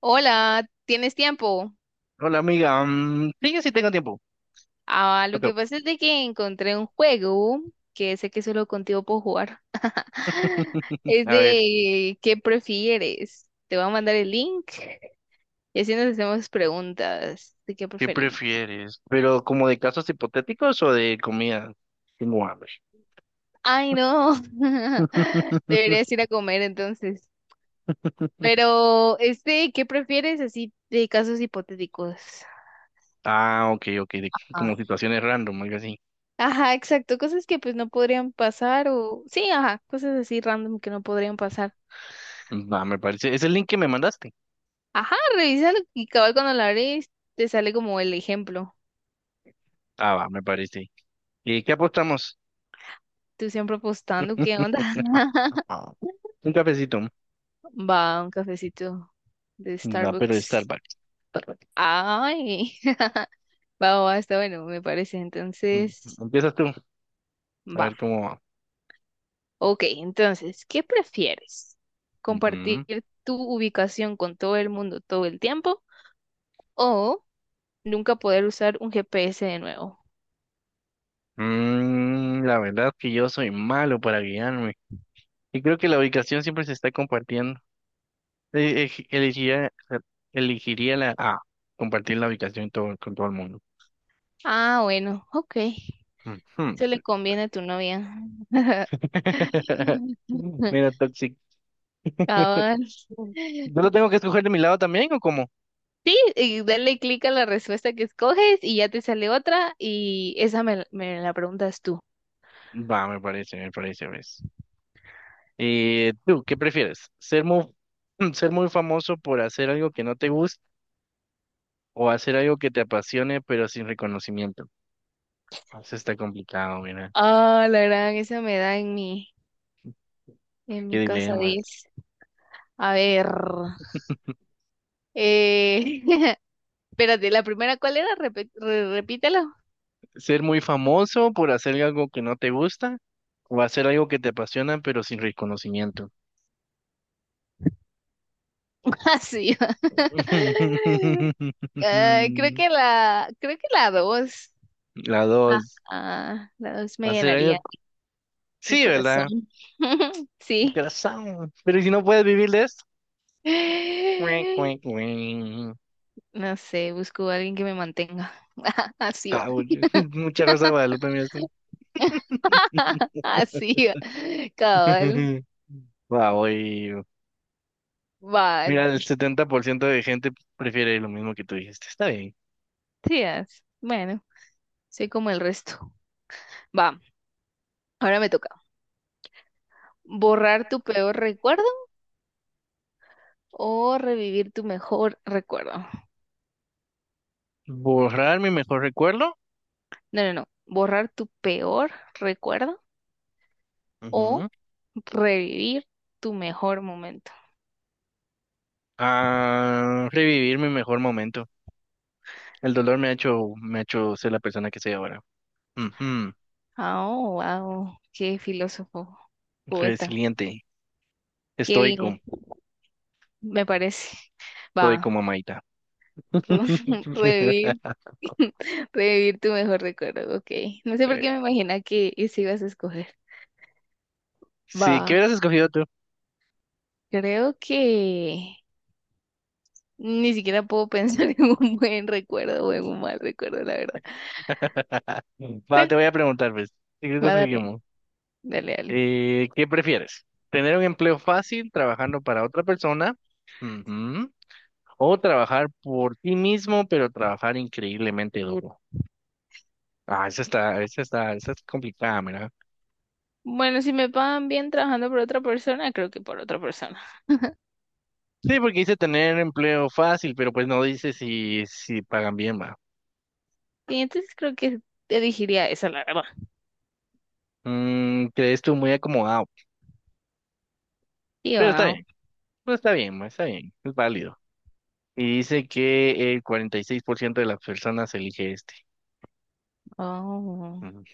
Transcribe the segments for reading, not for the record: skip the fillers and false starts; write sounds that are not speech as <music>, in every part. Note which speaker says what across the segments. Speaker 1: Hola, ¿tienes tiempo?
Speaker 2: Hola, amiga, mm, sí, yo sí tengo tiempo.
Speaker 1: Ah, lo
Speaker 2: Otro.
Speaker 1: que pasa es de que encontré un juego que sé que solo contigo puedo jugar. <laughs>
Speaker 2: <laughs>
Speaker 1: Es
Speaker 2: A ver,
Speaker 1: de ¿qué prefieres? Te voy a mandar el link y así nos hacemos preguntas de qué
Speaker 2: ¿qué
Speaker 1: preferimos.
Speaker 2: prefieres? ¿Pero como de casos hipotéticos o de comida? Tengo hambre.
Speaker 1: Ay, no. <laughs> Deberías
Speaker 2: <laughs>
Speaker 1: ir a comer entonces. Pero este, ¿qué prefieres? Así de casos hipotéticos.
Speaker 2: Ah, ok, ok,
Speaker 1: Ah,
Speaker 2: como situaciones random, algo así.
Speaker 1: ajá, exacto, cosas que pues no podrían pasar o sí, ajá, cosas así random que no podrían pasar.
Speaker 2: Va, me parece. ¿Es el link que me mandaste?
Speaker 1: Ajá, revísalo y cabal cuando la abres te sale como el ejemplo.
Speaker 2: Ah, va, me parece. ¿Y qué apostamos?
Speaker 1: Tú siempre postando, ¿qué onda? <laughs>
Speaker 2: <laughs> Un cafecito.
Speaker 1: Va, un cafecito de
Speaker 2: No, pero de
Speaker 1: Starbucks.
Speaker 2: Starbucks. Starbucks.
Speaker 1: Ay, <laughs> va, va, está bueno, me parece.
Speaker 2: Mm,
Speaker 1: Entonces,
Speaker 2: Empiezas tú, a
Speaker 1: va.
Speaker 2: ver cómo va.
Speaker 1: Ok, entonces, ¿qué prefieres? ¿Compartir
Speaker 2: Ujú.
Speaker 1: tu ubicación con todo el mundo todo el tiempo o nunca poder usar un GPS de nuevo?
Speaker 2: La verdad que yo soy malo para guiarme. Y creo que la ubicación siempre se está compartiendo. Eh, ej- elegiría, elegiría la A, compartir la ubicación con todo el mundo.
Speaker 1: Ah, bueno, ok.
Speaker 2: Ujú.
Speaker 1: Se le conviene a tu novia.
Speaker 2: <laughs>
Speaker 1: <laughs>
Speaker 2: Mira, Toxic. <laughs>
Speaker 1: Cabal.
Speaker 2: ¿Yo lo
Speaker 1: <laughs>
Speaker 2: tengo que escoger de mi lado también o cómo?
Speaker 1: Y dale clic a la respuesta que escoges y ya te sale otra y esa me la preguntas tú.
Speaker 2: Va, me parece, ves. ¿Tú qué prefieres? ¿Ser muy, <clears throat> ser muy famoso por hacer algo que no te gusta o hacer algo que te apasione pero sin reconocimiento? Ah, eso está complicado, mira.
Speaker 1: Ah, la gran, esa me da en
Speaker 2: Qué
Speaker 1: mi casa
Speaker 2: dilema.
Speaker 1: 10. A ver, eh, <laughs> espérate, la primera, ¿cuál era? Repítelo.
Speaker 2: Ser muy famoso por hacer algo que no te gusta o hacer algo que te apasiona pero sin reconocimiento.
Speaker 1: <laughs> Así. <laughs> Creo
Speaker 2: <laughs>
Speaker 1: que la, creo que la dos.
Speaker 2: La
Speaker 1: Ah,
Speaker 2: dos.
Speaker 1: la dos me
Speaker 2: Hacer
Speaker 1: llenaría
Speaker 2: algo.
Speaker 1: mi
Speaker 2: Sí,
Speaker 1: corazón.
Speaker 2: ¿verdad?
Speaker 1: <laughs> Sí.
Speaker 2: Corazón. Pero ¿y si no puedes vivir de esto? Cuic, cuic, cuic.
Speaker 1: No sé, busco a alguien que me mantenga. <laughs> Así va.
Speaker 2: Ah, oye, <laughs> mucha rosa de Guadalupe, mira esto.
Speaker 1: <laughs>
Speaker 2: <laughs>
Speaker 1: Así va. Cabal.
Speaker 2: Wow,
Speaker 1: Va.
Speaker 2: mira, el 70% de gente prefiere lo mismo que tú dijiste. Está bien.
Speaker 1: Sí, as- bueno, soy como el resto. Va. Ahora me toca. ¿Borrar tu peor recuerdo o revivir tu mejor recuerdo?
Speaker 2: Borrar mi mejor recuerdo.
Speaker 1: No, no, no. ¿Borrar tu peor recuerdo
Speaker 2: Ujú.
Speaker 1: o revivir tu mejor momento?
Speaker 2: A revivir mi mejor momento. El dolor me ha hecho ser la persona que soy ahora. Ujú.
Speaker 1: Oh, wow. Qué filósofo, poeta.
Speaker 2: Resiliente,
Speaker 1: Qué bien,
Speaker 2: estoico,
Speaker 1: me parece. Va.
Speaker 2: estoico, mamaita.
Speaker 1: <laughs> Revivir,
Speaker 2: <laughs>
Speaker 1: <laughs> revivir tu mejor recuerdo, ok. No sé por qué
Speaker 2: Eh,
Speaker 1: me imagina que ese ibas a escoger.
Speaker 2: Sí, ¿qué
Speaker 1: Va,
Speaker 2: hubieras escogido tú?
Speaker 1: creo que ni siquiera puedo pensar <laughs> en un buen recuerdo o en un mal recuerdo, la verdad.
Speaker 2: <laughs> Va,
Speaker 1: Creo.
Speaker 2: te voy a preguntar, pues. Secreto
Speaker 1: Va, dale,
Speaker 2: seguimos.
Speaker 1: dale, dale.
Speaker 2: ¿Qué prefieres? ¿Tener un empleo fácil trabajando para otra persona? Ujú. ¿O trabajar por ti mismo, pero trabajar increíblemente duro? Ah, esa es complicada.
Speaker 1: Bueno, si me pagan bien trabajando por otra persona, creo que por otra persona.
Speaker 2: Sí, porque dice tener empleo fácil, pero pues no dice si pagan bien, va.
Speaker 1: Y entonces creo que elegiría esa, la verdad.
Speaker 2: Crees tú muy acomodado.
Speaker 1: Y
Speaker 2: Pero está
Speaker 1: va,
Speaker 2: bien, pues está bien, ma, está bien, es válido. Y dice que el 46% de las personas elige este.
Speaker 1: oh,
Speaker 2: Ujú.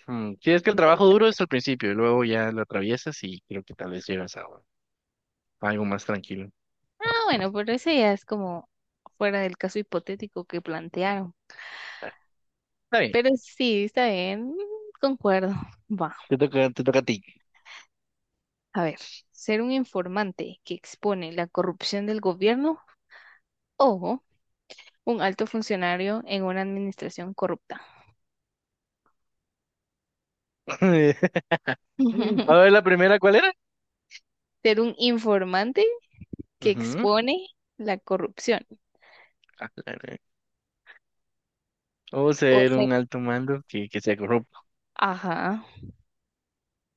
Speaker 2: Sí, es que el trabajo duro
Speaker 1: interesante.
Speaker 2: es al principio, y luego ya lo atraviesas y creo que tal vez llegas a algo más tranquilo.
Speaker 1: Ah, bueno, pero ese ya es como fuera del caso hipotético que plantearon.
Speaker 2: Está bien,
Speaker 1: Pero sí, está bien, concuerdo. Va,
Speaker 2: te toca a ti.
Speaker 1: a ver, ser un informante que expone la corrupción del gobierno o un alto funcionario en una administración corrupta.
Speaker 2: <laughs> A ver,
Speaker 1: <laughs>
Speaker 2: la primera, ¿cuál era?
Speaker 1: Ser un informante que
Speaker 2: Ujú.
Speaker 1: expone la corrupción
Speaker 2: Ah, claro. O
Speaker 1: o
Speaker 2: ser
Speaker 1: ser...
Speaker 2: un alto mando que se.
Speaker 1: ajá,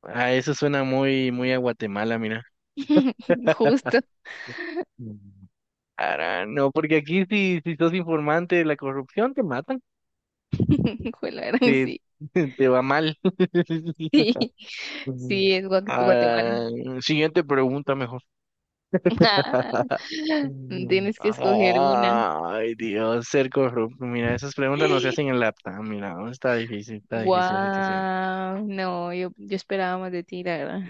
Speaker 2: Ah, eso suena muy, muy a Guatemala, mira.
Speaker 1: <laughs>
Speaker 2: <laughs>
Speaker 1: justo.
Speaker 2: Mm. Ara, no, porque aquí si sos informante de la corrupción, te matan,
Speaker 1: <laughs> Fue Juela gran,
Speaker 2: te,
Speaker 1: sí,
Speaker 2: <laughs> te va mal.
Speaker 1: sí,
Speaker 2: <laughs> Mm.
Speaker 1: sí, es Guatemala.
Speaker 2: Ah, siguiente pregunta mejor.
Speaker 1: <laughs>
Speaker 2: Mm.
Speaker 1: Tienes que escoger una.
Speaker 2: Ay, Dios, ser corrupto. Mira, esas preguntas no se hacen en la laptop. Mira, no, está difícil la situación.
Speaker 1: Wow, no, yo esperaba más de ti, la verdad.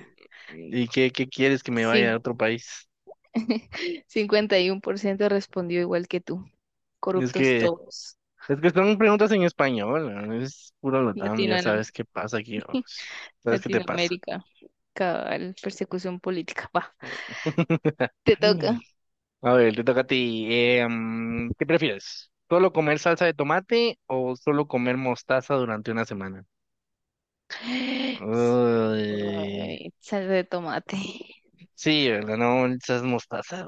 Speaker 2: ¿Y qué quieres que me
Speaker 1: Sí,
Speaker 2: vaya a otro país?
Speaker 1: <laughs> 51% respondió igual que tú.
Speaker 2: Es
Speaker 1: Corruptos
Speaker 2: que
Speaker 1: todos.
Speaker 2: Es que son preguntas en español, ¿no? Es puro LATAM, ya
Speaker 1: Latino,
Speaker 2: sabes qué pasa aquí, ¿no? Pues, sabes qué te pasa.
Speaker 1: Latinoamérica, cabal, persecución política. Va,
Speaker 2: <laughs>
Speaker 1: te toca.
Speaker 2: A ver, te toca a ti. ¿Qué prefieres? ¿Solo comer salsa de tomate o solo comer mostaza durante una semana?
Speaker 1: Ay,
Speaker 2: Uy,
Speaker 1: salsa de tomate.
Speaker 2: sí, ¿verdad? No, esas mostaza.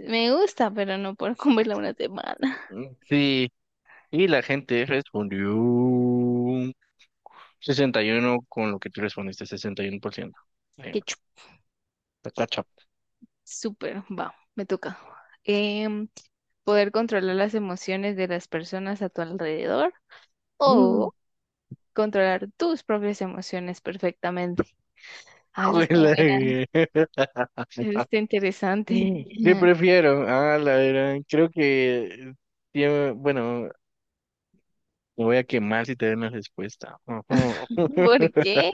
Speaker 1: Me gusta, pero no puedo comerla una <laughs> semana.
Speaker 2: Ugh. Sí, y la gente respondió 61 con lo que tú respondiste, 61%. Bueno,
Speaker 1: Qué chu-
Speaker 2: está cacha.
Speaker 1: súper, va, me toca. Em, poder controlar las emociones de las personas a tu alrededor controlar tus propias emociones perfectamente. Ah, eso está
Speaker 2: Juela,
Speaker 1: buena,
Speaker 2: güey.
Speaker 1: eso está
Speaker 2: <laughs>
Speaker 1: interesante.
Speaker 2: ¿Qué
Speaker 1: <laughs>
Speaker 2: prefiero? Ah, la verdad, creo que bueno, me voy a quemar si te doy una respuesta. Ujú.
Speaker 1: ¿Por
Speaker 2: <laughs>
Speaker 1: qué?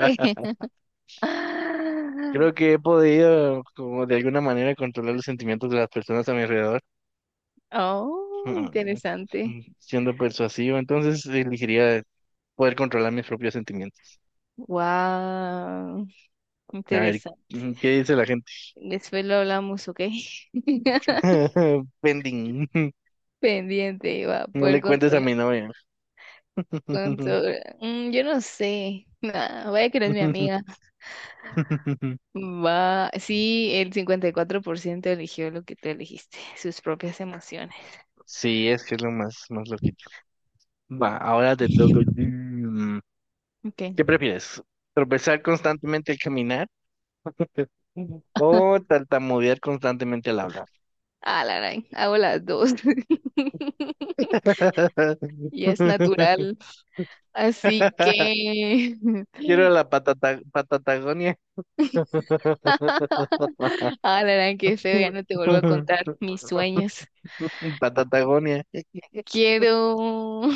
Speaker 1: Ah,
Speaker 2: Creo que he podido, como de alguna manera, controlar los sentimientos de las personas a mi alrededor,
Speaker 1: oh,
Speaker 2: <laughs>
Speaker 1: interesante.
Speaker 2: ujú, siendo persuasivo. Entonces, elegiría poder controlar mis propios sentimientos.
Speaker 1: Wow,
Speaker 2: A ver,
Speaker 1: interesante.
Speaker 2: ¿qué dice la gente?
Speaker 1: Después lo hablamos, ¿ok? <laughs>
Speaker 2: <laughs> Pending.
Speaker 1: Pendiente, va a
Speaker 2: No
Speaker 1: poder
Speaker 2: le cuentes a
Speaker 1: controlar.
Speaker 2: mi novia.
Speaker 1: Controlar. Mm, yo no sé. Ah, vaya que eres mi
Speaker 2: <laughs>
Speaker 1: amiga. Va, sí, el 54% eligió lo que tú elegiste, sus propias emociones.
Speaker 2: Sí, es que es lo más, más loquito. Va, ahora te toco.
Speaker 1: <laughs> Ok.
Speaker 2: ¿Qué prefieres? ¿Tropezar constantemente al caminar <laughs> o tartamudear constantemente al hablar?
Speaker 1: Ah, la gran, hago las dos. <laughs> Y es
Speaker 2: <laughs>
Speaker 1: natural. Así que.
Speaker 2: Quiero
Speaker 1: <laughs>
Speaker 2: la patata, patatagonia. <laughs>
Speaker 1: Ah, la gran, qué feo, ya no te vuelvo a contar mis sueños.
Speaker 2: Patatagonia.
Speaker 1: Quiero. <laughs>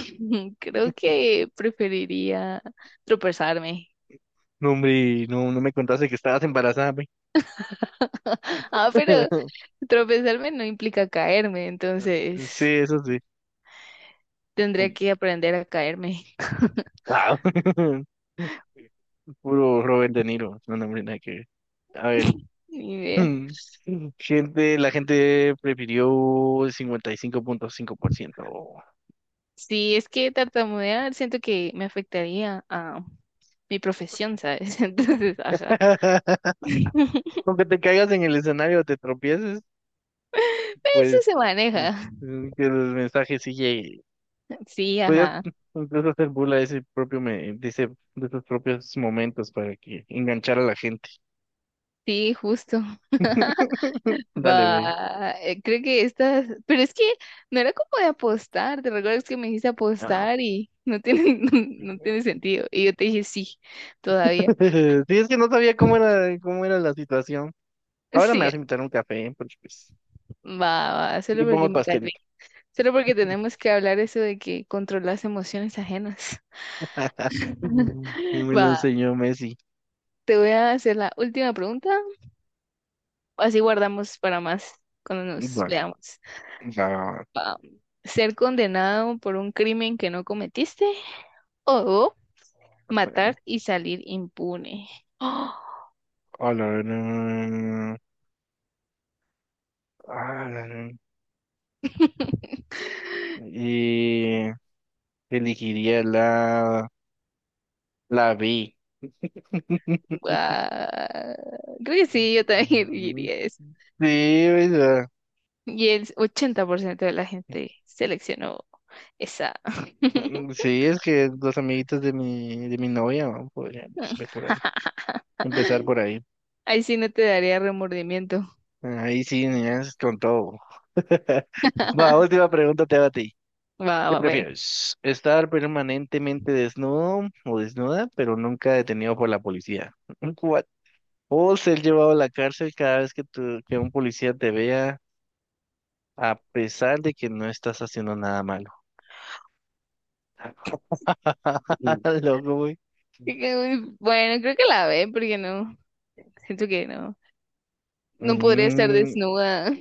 Speaker 1: Creo que preferiría tropezarme.
Speaker 2: No, hombre, no, no me contaste que estabas embarazada, güey.
Speaker 1: Ah, pero
Speaker 2: <laughs>
Speaker 1: tropezarme no implica caerme, entonces
Speaker 2: Sí, eso sí.
Speaker 1: tendría que aprender a caerme.
Speaker 2: Wow. <laughs> Puro Robert De Niro. No, no, hombre, nada que ver. A ver.
Speaker 1: Ni idea.
Speaker 2: <laughs> La gente prefirió el 55.5%.
Speaker 1: Sí, es que tartamudear siento que me afectaría a mi profesión, ¿sabes? <laughs> Entonces, ajá.
Speaker 2: <laughs>
Speaker 1: <laughs>
Speaker 2: Con que te caigas en el escenario o te tropieces,
Speaker 1: Eso
Speaker 2: pues
Speaker 1: se
Speaker 2: mm,
Speaker 1: maneja.
Speaker 2: que los mensajes sí lleguen.
Speaker 1: Sí,
Speaker 2: Podrías
Speaker 1: ajá.
Speaker 2: incluso hacer burla de ese propio me- de ese- de esos propios momentos para que enganchar a la gente.
Speaker 1: Sí, justo.
Speaker 2: <laughs> Dale, güey.
Speaker 1: Va, creo que estas, pero es que no era como de apostar, ¿te recuerdas que me dijiste
Speaker 2: Ah.
Speaker 1: apostar y no tiene, <laughs> no, no tiene
Speaker 2: <laughs>
Speaker 1: sentido? Y yo te dije sí, todavía.
Speaker 2: Sí, es que no sabía cómo era la situación. Ahora me
Speaker 1: Sí,
Speaker 2: vas a invitar a un café, ¿eh? Porque pues
Speaker 1: va, va, solo
Speaker 2: te
Speaker 1: porque
Speaker 2: pongo
Speaker 1: me cae bien.
Speaker 2: pastelito.
Speaker 1: Solo porque tenemos que hablar eso de que controlas emociones ajenas.
Speaker 2: <laughs> Y
Speaker 1: <laughs>
Speaker 2: me lo
Speaker 1: Va,
Speaker 2: enseñó Messi.
Speaker 1: te voy a hacer la última pregunta, así guardamos para más cuando nos
Speaker 2: Bueno,
Speaker 1: veamos.
Speaker 2: ya,
Speaker 1: Ah, ser condenado por un crimen que no cometiste o
Speaker 2: bueno,
Speaker 1: matar y salir impune. ¡Oh!
Speaker 2: hola, no, hola, no.
Speaker 1: <laughs>
Speaker 2: Y elegiría la B. <laughs>
Speaker 1: Guau. Creo que sí, yo también <laughs> elegiría eso.
Speaker 2: Sí, verdad.
Speaker 1: Y el 80% de la gente seleccionó esa. <laughs>
Speaker 2: Sí, es que los amiguitos de mi novia, ¿no? Podríamos ver por ahí, empezar por ahí.
Speaker 1: Ahí sí no te daría remordimiento.
Speaker 2: Ahí sí, niñas, con todo. <laughs> Va,
Speaker 1: <laughs>
Speaker 2: última pregunta te va a ti.
Speaker 1: Va,
Speaker 2: ¿Qué
Speaker 1: va, ve.
Speaker 2: prefieres? ¿Estar permanentemente desnudo o desnuda, pero nunca detenido por la policía? What? ¿O ser llevado a la cárcel cada vez que, que un policía te vea, a pesar de que no estás haciendo nada malo?
Speaker 1: Mm.
Speaker 2: <laughs> Loco, güey.
Speaker 1: Uy, bueno, creo que la ve, porque no, siento que no, no podría estar
Speaker 2: Mm,
Speaker 1: desnuda.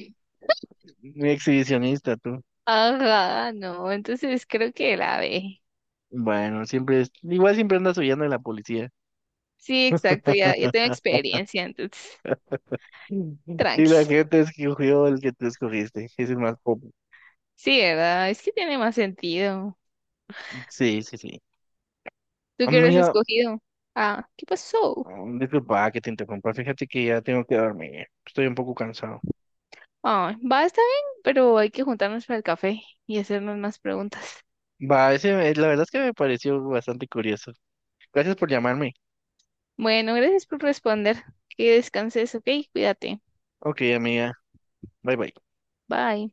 Speaker 2: muy exhibicionista, tú.
Speaker 1: Ajá, no, entonces creo que la ve.
Speaker 2: Bueno, siempre, igual siempre andas huyendo de la policía.
Speaker 1: Sí, exacto, ya, ya tengo
Speaker 2: <laughs>
Speaker 1: experiencia, entonces,
Speaker 2: Y
Speaker 1: tranqui.
Speaker 2: la gente escogió el que tú escogiste. Es el más pop.
Speaker 1: Sí, ¿verdad? Es que tiene más sentido.
Speaker 2: Sí, sí, sí.
Speaker 1: ¿Tú qué hubieras
Speaker 2: Amiga,
Speaker 1: escogido? Ah, ¿qué pasó?
Speaker 2: disculpa que te interrumpa, fíjate que ya tengo que dormir, estoy un poco cansado.
Speaker 1: Ah, va, está bien, pero hay que juntarnos para el café y hacernos más preguntas.
Speaker 2: Va, ese, la verdad es que me pareció bastante curioso. Gracias por llamarme.
Speaker 1: Bueno, gracias por responder. Que descanses, ok, cuídate.
Speaker 2: Ok, amiga, bye bye.
Speaker 1: Bye.